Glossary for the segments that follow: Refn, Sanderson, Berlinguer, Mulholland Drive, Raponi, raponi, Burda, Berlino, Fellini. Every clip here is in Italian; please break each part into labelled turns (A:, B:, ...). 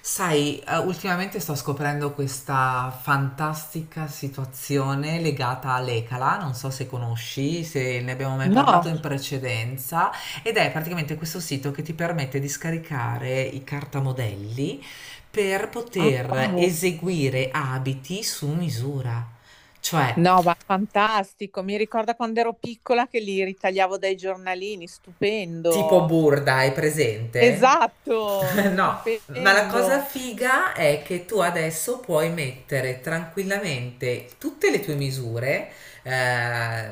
A: Sai, ultimamente sto scoprendo questa fantastica situazione legata all'Ecala, non so se conosci, se ne abbiamo mai parlato
B: No,
A: in precedenza, ed è praticamente questo sito che ti permette di scaricare i cartamodelli per
B: ah,
A: poter
B: wow.
A: eseguire abiti su misura. Cioè,
B: No, ma fantastico. Mi ricorda quando ero piccola che li ritagliavo dai giornalini,
A: tipo
B: stupendo.
A: Burda, hai presente?
B: Esatto,
A: No, ma la cosa
B: stupendo.
A: figa è che tu adesso puoi mettere tranquillamente tutte le tue misure, eh,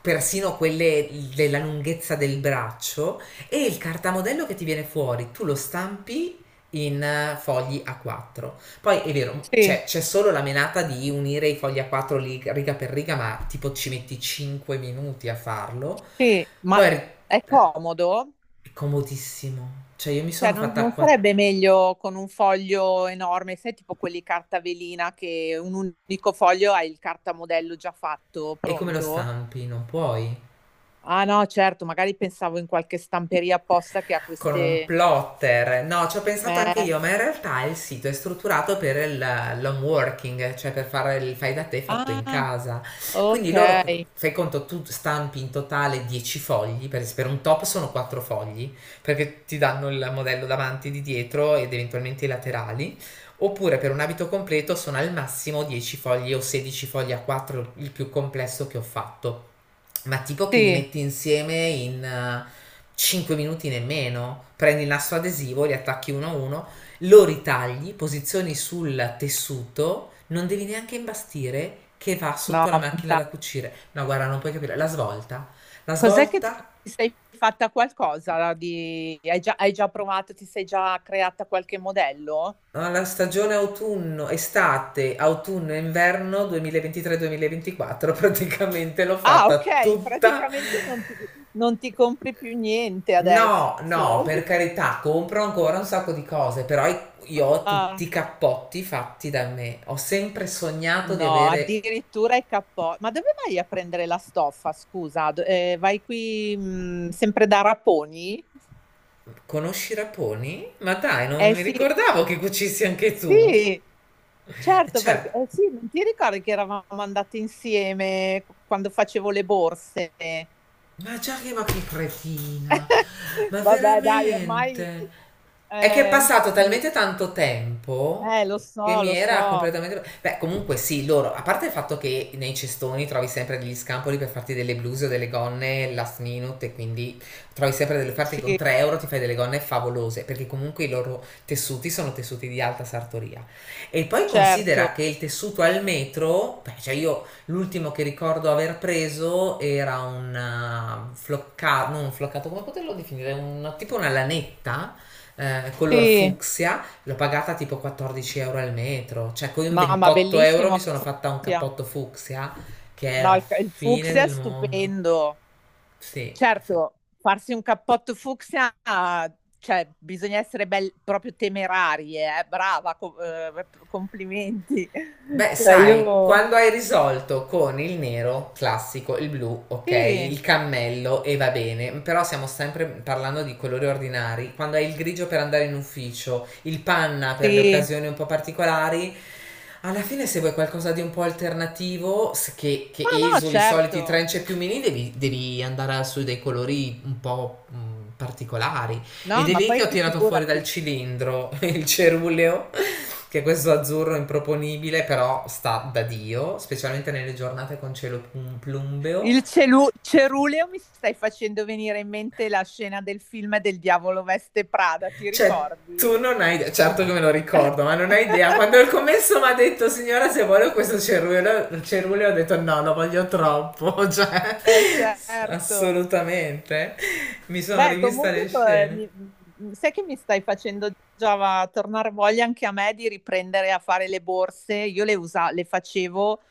A: persino quelle della lunghezza del braccio, e il cartamodello che ti viene fuori, tu lo stampi in fogli A4. Poi è vero,
B: Sì,
A: c'è solo la menata di unire i fogli A4 riga per riga, ma tipo ci metti 5 minuti a farlo.
B: sì, ma
A: Poi eh,
B: è comodo?
A: è comodissimo. Cioè, io mi
B: Cioè,
A: sono
B: non,
A: fatta
B: non
A: qua.
B: sarebbe meglio con un foglio enorme, sai, tipo quelli carta velina che un unico foglio hai il cartamodello già fatto,
A: È come lo
B: pronto?
A: stampi, non puoi.
B: Ah no, certo, magari pensavo in qualche stamperia apposta che ha
A: Con un
B: queste...
A: plotter. No, ci ho pensato anche
B: Eh,
A: io, ma in realtà il sito è strutturato per il l'home working, cioè per fare il fai da te fatto in
B: ah,
A: casa.
B: ok,
A: Quindi loro, fai conto, tu stampi in totale 10 fogli, per un top sono 4 fogli, perché ti danno il modello davanti, di dietro ed eventualmente i laterali. Oppure per un abito completo sono al massimo 10 fogli o 16 fogli a 4, il più complesso che ho fatto, ma tipo che li
B: sì,
A: metti insieme in 5 minuti nemmeno, prendi il nastro adesivo, li attacchi uno a uno, lo ritagli, posizioni sul tessuto, non devi neanche imbastire che va
B: no,
A: sotto la macchina da
B: fantastico.
A: cucire. No, guarda, non puoi capire, la
B: Cos'è che ti,
A: svolta
B: ti sei fatta qualcosa di... Hai già provato, ti sei già creata qualche modello?
A: alla stagione autunno, estate, autunno e inverno 2023-2024, praticamente l'ho
B: Ah,
A: fatta
B: ok,
A: tutta.
B: praticamente non ti compri più niente adesso.
A: No, no, per carità, compro ancora un sacco di cose, però io ho tutti
B: Ah,
A: i cappotti fatti da me. Ho sempre sognato di
B: no,
A: avere...
B: addirittura i cappotto. Ma dove vai a prendere la stoffa? Scusa, vai qui sempre da Raponi?
A: Conosci i raponi? Ma dai, non
B: Eh
A: mi
B: sì,
A: ricordavo che cucissi anche tu.
B: sì, certo, perché
A: Certo.
B: sì, non ti ricordi che eravamo andate insieme quando facevo le borse?
A: Ma che cretina, ma
B: Vabbè, dai, ormai
A: veramente. È che è passato
B: sì,
A: talmente tanto tempo
B: lo
A: che
B: so,
A: mi
B: lo
A: era
B: so.
A: completamente... Beh, comunque sì, loro, a parte il fatto che nei cestoni trovi sempre degli scampoli per farti delle bluse o delle gonne last minute, e quindi trovi sempre delle parti con
B: Sì,
A: 3 € ti fai delle gonne favolose perché comunque i loro tessuti sono tessuti di alta sartoria. E poi
B: certo.
A: considera che il tessuto al metro, beh, cioè io... L'ultimo che ricordo aver preso era un floccato, non un floccato, come poterlo definire? Un, tipo una lanetta color
B: Sì.
A: fucsia, l'ho pagata tipo 14 € al metro, cioè con
B: No, ma
A: 28 €
B: bellissimo
A: mi
B: il
A: sono fatta un
B: fucsia.
A: cappotto fucsia che è
B: No,
A: la
B: il
A: fine
B: fucsia è
A: del mondo.
B: stupendo.
A: Sì, sì.
B: Certo, farsi un cappotto fucsia, cioè bisogna essere proprio temerarie, brava, complimenti.
A: Beh,
B: Cioè
A: sai,
B: io...
A: quando hai risolto con il nero classico, il blu, ok,
B: Sì,
A: il cammello e va bene, però stiamo sempre parlando di colori ordinari. Quando hai il grigio per andare in ufficio, il panna per le
B: sì.
A: occasioni un po' particolari, alla fine se vuoi qualcosa di un po' alternativo, che
B: Ma no,
A: esuli i soliti
B: certo.
A: trench e piumini, devi, devi andare su dei colori un po' particolari. Ed
B: No,
A: è
B: ma
A: lì che
B: poi
A: ho tirato fuori dal
B: figurati.
A: cilindro il ceruleo, che questo azzurro improponibile però sta da Dio, specialmente nelle giornate con cielo plumbeo.
B: Il ceruleo mi stai facendo venire in mente la scena del film del diavolo veste Prada, ti
A: Cioè,
B: ricordi?
A: tu non hai idea, certo che me lo ricordo, ma non hai idea. Quando il commesso mi ha detto, signora, se voglio questo ceruleo, ceruleo, ho detto no, lo voglio troppo.
B: Eh
A: Cioè,
B: certo.
A: assolutamente. Mi sono
B: Beh,
A: rivista le
B: comunque
A: scene.
B: sai che mi stai facendo tornare voglia anche a me di riprendere a fare le borse. Io le facevo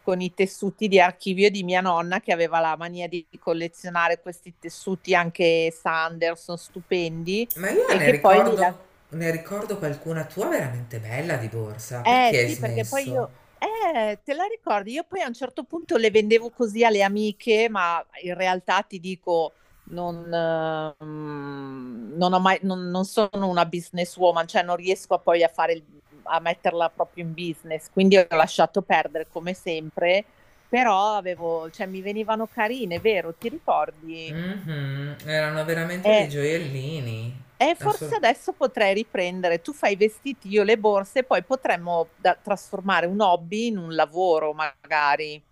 B: con i tessuti di archivio di mia nonna che aveva la mania di collezionare questi tessuti anche Sanderson, stupendi,
A: Ma io
B: e
A: ne
B: che poi li, la-
A: ricordo, ne ricordo qualcuna tua veramente bella di borsa. Perché
B: Eh
A: hai
B: sì, perché poi
A: smesso?
B: io, te la ricordi? Io poi a un certo punto le vendevo così alle amiche, ma in realtà ti dico, non, non ho mai, non sono una businesswoman, cioè non riesco a poi a fare, il- a metterla proprio in business, quindi ho lasciato perdere come sempre, però avevo, cioè mi venivano carine, vero? Ti ricordi?
A: Mhm. Erano veramente dei
B: Eh,
A: gioiellini.
B: e
A: Assol-
B: forse adesso potrei riprendere. Tu fai i vestiti, io le borse, poi potremmo trasformare un hobby in un lavoro, magari.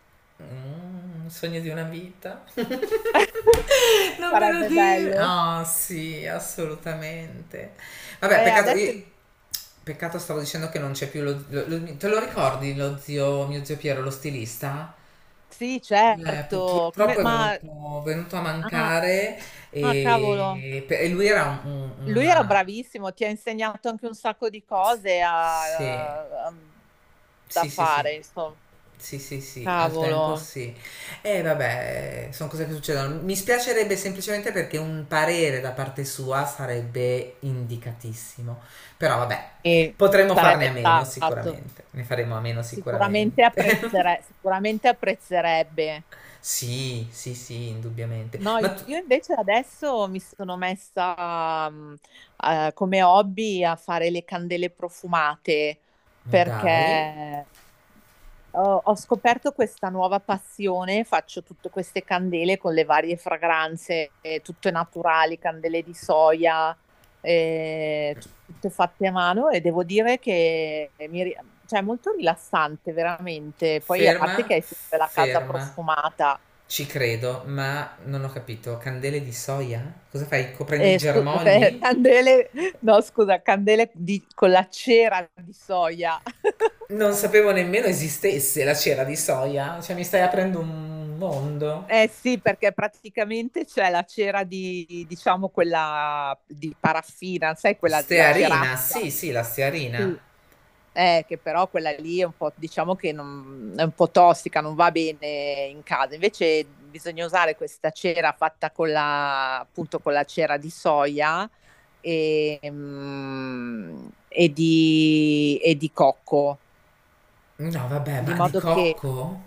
A: Un sogno di una vita. Non me lo
B: Sarebbe
A: dire.
B: bello.
A: Ah, sì, assolutamente. Vabbè,
B: Eh,
A: peccato,
B: adesso è-
A: peccato stavo dicendo che non c'è più te lo ricordi lo zio, mio zio Piero, lo stilista?
B: sì, certo. Come-
A: Purtroppo è
B: Ma
A: venuto a
B: ah,
A: mancare,
B: ah, cavolo,
A: e, lui era
B: lui era
A: una...
B: bravissimo, ti ha insegnato anche un sacco di cose
A: Sì.
B: da
A: Sì, sì, sì.
B: fare, insomma.
A: Sì, sì, sì, al tempo
B: Cavolo,
A: sì. E vabbè, sono cose che succedono. Mi spiacerebbe semplicemente perché un parere da parte sua sarebbe indicatissimo. Però vabbè,
B: e
A: potremmo farne a
B: sarebbe
A: meno
B: stato
A: sicuramente. Ne faremo a meno
B: sicuramente
A: sicuramente.
B: sicuramente apprezzerebbe.
A: Sì, sì, sì, indubbiamente.
B: No,
A: Ma tu,
B: io invece adesso mi sono messa come hobby a fare le candele profumate
A: ma dai,
B: perché ho scoperto questa nuova passione, faccio tutte queste candele con le varie fragranze, tutte naturali, candele di soia, eh, tutte fatte a mano e devo dire che cioè, è molto rilassante veramente. Poi a parte
A: ferma,
B: che hai sempre la casa
A: ferma.
B: profumata.
A: Ci credo, ma non ho capito. Candele di soia? Cosa fai? Coprendi i
B: Eh, scu- eh,
A: germogli?
B: candele, no, scusa, con la cera di soia.
A: Non sapevo nemmeno esistesse la cera di soia, cioè mi stai aprendo un mondo.
B: Eh sì, perché praticamente c'è la cera di, diciamo, quella di paraffina, sai, quella, la
A: Stearina, sì,
B: ceraccia.
A: sì, la
B: Sì.
A: stearina.
B: Che però quella lì è un po', diciamo che è un po' tossica, non va bene in casa. Invece bisogna usare questa cera fatta con la, appunto, con la cera di soia e, e di cocco.
A: No, vabbè,
B: Di
A: ma di
B: modo che
A: cocco?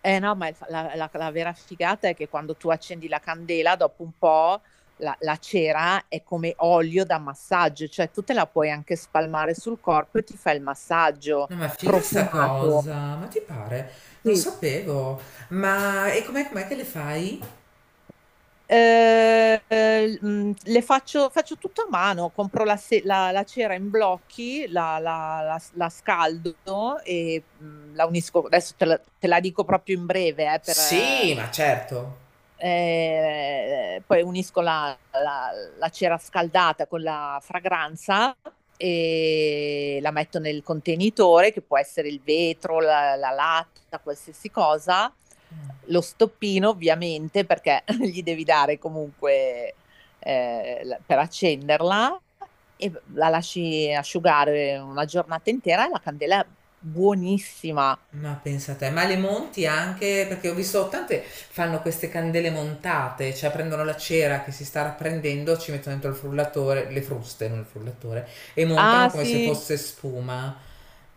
B: no, ma il fa la la la vera figata è che quando tu accendi la candela, dopo un po' la cera è come olio da massaggio, cioè tu te la puoi anche spalmare sul corpo e ti fai il massaggio
A: No, ma figa sta
B: profumato.
A: cosa, ma ti pare? Non
B: Sì.
A: sapevo. Ma e com'è che le fai?
B: Ehm, le faccio tutto a mano, compro la se la la cera in blocchi, la scaldo e, la unisco adesso te la dico proprio in breve, per
A: Sì, ma certo.
B: Poi unisco la cera scaldata con la fragranza e la metto nel contenitore che può essere il vetro, la latta, qualsiasi cosa. Lo stoppino ovviamente perché gli devi dare comunque per accenderla e la lasci asciugare una giornata intera e la candela è buonissima.
A: Ma pensa te, ma le monti anche? Perché ho visto tante fanno queste candele montate, cioè prendono la cera che si sta rapprendendo, ci mettono dentro il frullatore, le fruste, non il frullatore, e
B: Ah
A: montano come se
B: sì,
A: fosse spuma.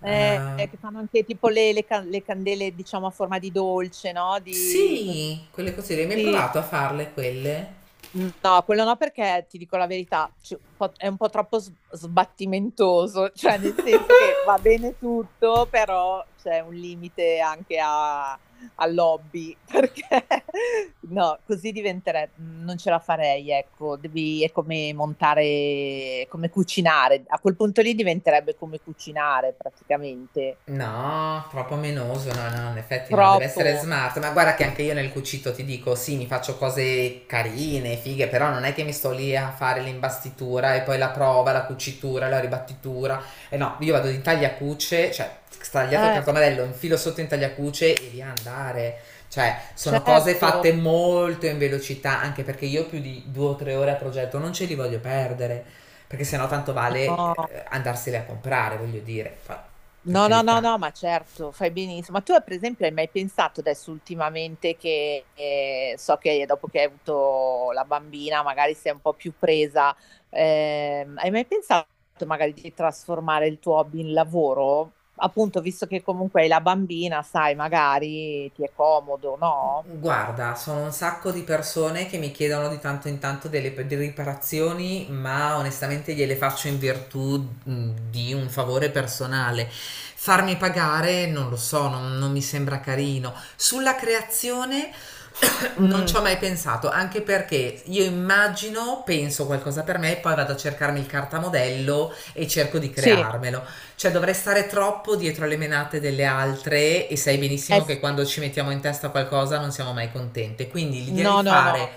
B: che
A: Eh,
B: fanno anche tipo le candele, diciamo, a forma di dolce, no? Di...
A: sì, quelle cose lì, mi hai
B: Sì.
A: provato a farle quelle?
B: No, quello no perché ti dico la verità, è un po' troppo sbattimentoso, cioè nel senso che va bene tutto, però c'è un limite anche all'hobby, perché no, così diventerebbe, non ce la farei, ecco, devi, è come montare, come cucinare, a quel punto lì diventerebbe come cucinare praticamente,
A: No, troppo menoso, no, no, in effetti no, deve essere
B: troppo.
A: smart, ma guarda che anche io nel cucito ti dico, sì, mi faccio cose carine, fighe, però non è che mi sto lì a fare l'imbastitura e poi la prova, la cucitura, la ribattitura, e no, io vado in tagliacuce, cioè, stagliato il
B: Eh,
A: cartomarello, infilo sotto in tagliacuce e via andare, cioè, sono cose
B: certo,
A: fatte molto in velocità, anche perché io più di due o tre ore a progetto non ce li voglio perdere, perché sennò tanto vale
B: no,
A: andarsele a comprare, voglio dire. Per
B: no, no, no,
A: carità.
B: no, ma certo, fai benissimo. Ma tu, per esempio, hai mai pensato adesso ultimamente che so che dopo che hai avuto la bambina, magari sei un po' più presa, hai mai pensato magari di trasformare il tuo hobby in lavoro? Appunto, visto che comunque hai la bambina, sai, magari ti è comodo, no?
A: Guarda, sono un sacco di persone che mi chiedono di tanto in tanto delle riparazioni, ma onestamente gliele faccio in virtù di un favore personale. Farmi pagare non lo so, non mi sembra carino. Sulla creazione non ci
B: Mm,
A: ho mai pensato, anche perché io immagino, penso qualcosa per me, poi vado a cercarmi il cartamodello e cerco di
B: sì,
A: crearmelo. Cioè dovrei stare troppo dietro alle menate delle altre e sai
B: eh
A: benissimo che quando
B: sì,
A: ci mettiamo in testa qualcosa non siamo mai contente. Quindi l'idea di
B: no, no, no,
A: fare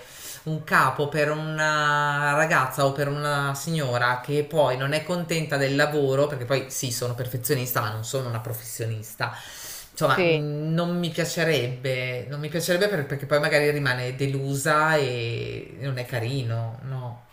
A: un capo per una ragazza o per una signora che poi non è contenta del lavoro, perché poi sì, sono perfezionista, ma non sono una professionista. Insomma,
B: sì.
A: non mi piacerebbe, perché poi magari rimane delusa e non è carino, no.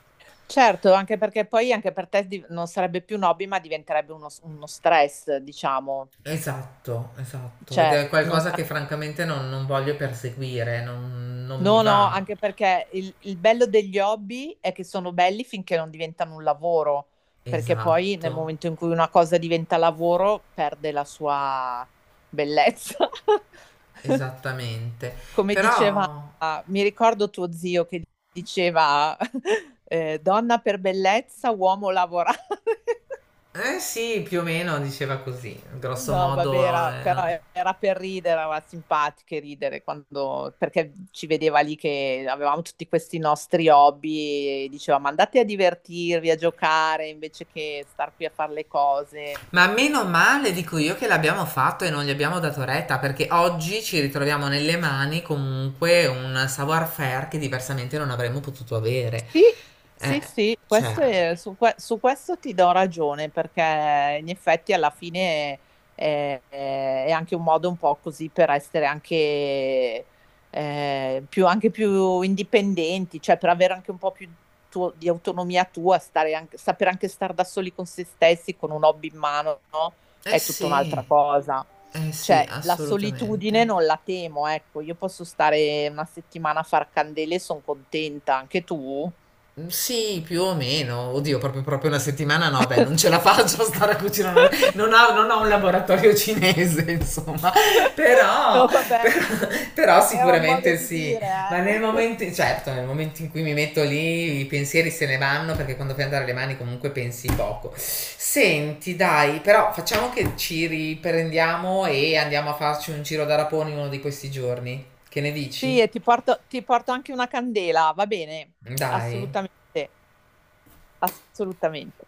B: Certo, anche perché poi anche per te div non sarebbe più un hobby, ma diventerebbe uno stress, diciamo.
A: Esatto, esatto. Ed
B: Cioè,
A: è
B: non
A: qualcosa
B: sa
A: che francamente non voglio perseguire, non mi
B: no, no,
A: va.
B: anche perché il bello degli hobby è che sono belli finché non diventano un lavoro, perché poi
A: Esatto,
B: nel momento in cui una cosa diventa lavoro perde la sua bellezza.
A: esattamente.
B: Come diceva
A: Però,
B: mi ricordo tuo zio che diceva, "Donna per bellezza, uomo lavorare."
A: eh sì, più o meno diceva così, grosso
B: No, vabbè,
A: modo.
B: però
A: Eh.
B: era per ridere, era simpatico e ridere quando, perché ci vedeva lì che avevamo tutti questi nostri hobby e diceva, ma andate a divertirvi, a giocare, invece che star qui a fare le cose.
A: Ma meno male, dico io, che l'abbiamo fatto e non gli abbiamo dato retta, perché oggi ci ritroviamo nelle mani comunque un savoir-faire che diversamente non avremmo potuto avere.
B: Sì,
A: Eh,
B: sì, sì,
A: cioè,
B: questo su questo ti do ragione perché in effetti alla fine anche un modo un po' così per essere anche più indipendenti, cioè per avere anche un po' più di autonomia tua, saper anche stare da soli con se stessi, con un hobby in mano, no?
A: eh
B: È tutta un'altra
A: sì,
B: cosa.
A: sì,
B: Cioè, la solitudine
A: assolutamente.
B: non la temo, ecco, io posso stare una settimana a far candele e sono contenta, anche tu?
A: Mm, sì, più o meno. Oddio, proprio, proprio una settimana no, dai, non ce la faccio a stare a cucinare. Non ho un laboratorio cinese, insomma. Però,
B: No, vabbè,
A: però, però
B: era un modo
A: sicuramente
B: di
A: sì.
B: dire,
A: Ma nel
B: eh.
A: momento, certo, nel momento in cui mi metto lì, i pensieri se ne vanno perché quando fai andare le mani comunque pensi poco. Senti, dai, però facciamo che ci riprendiamo e andiamo a farci un giro da raponi uno di questi giorni. Che ne dici?
B: Sì, e ti porto anche una candela, va bene?
A: Dai.
B: Assolutamente, assolutamente.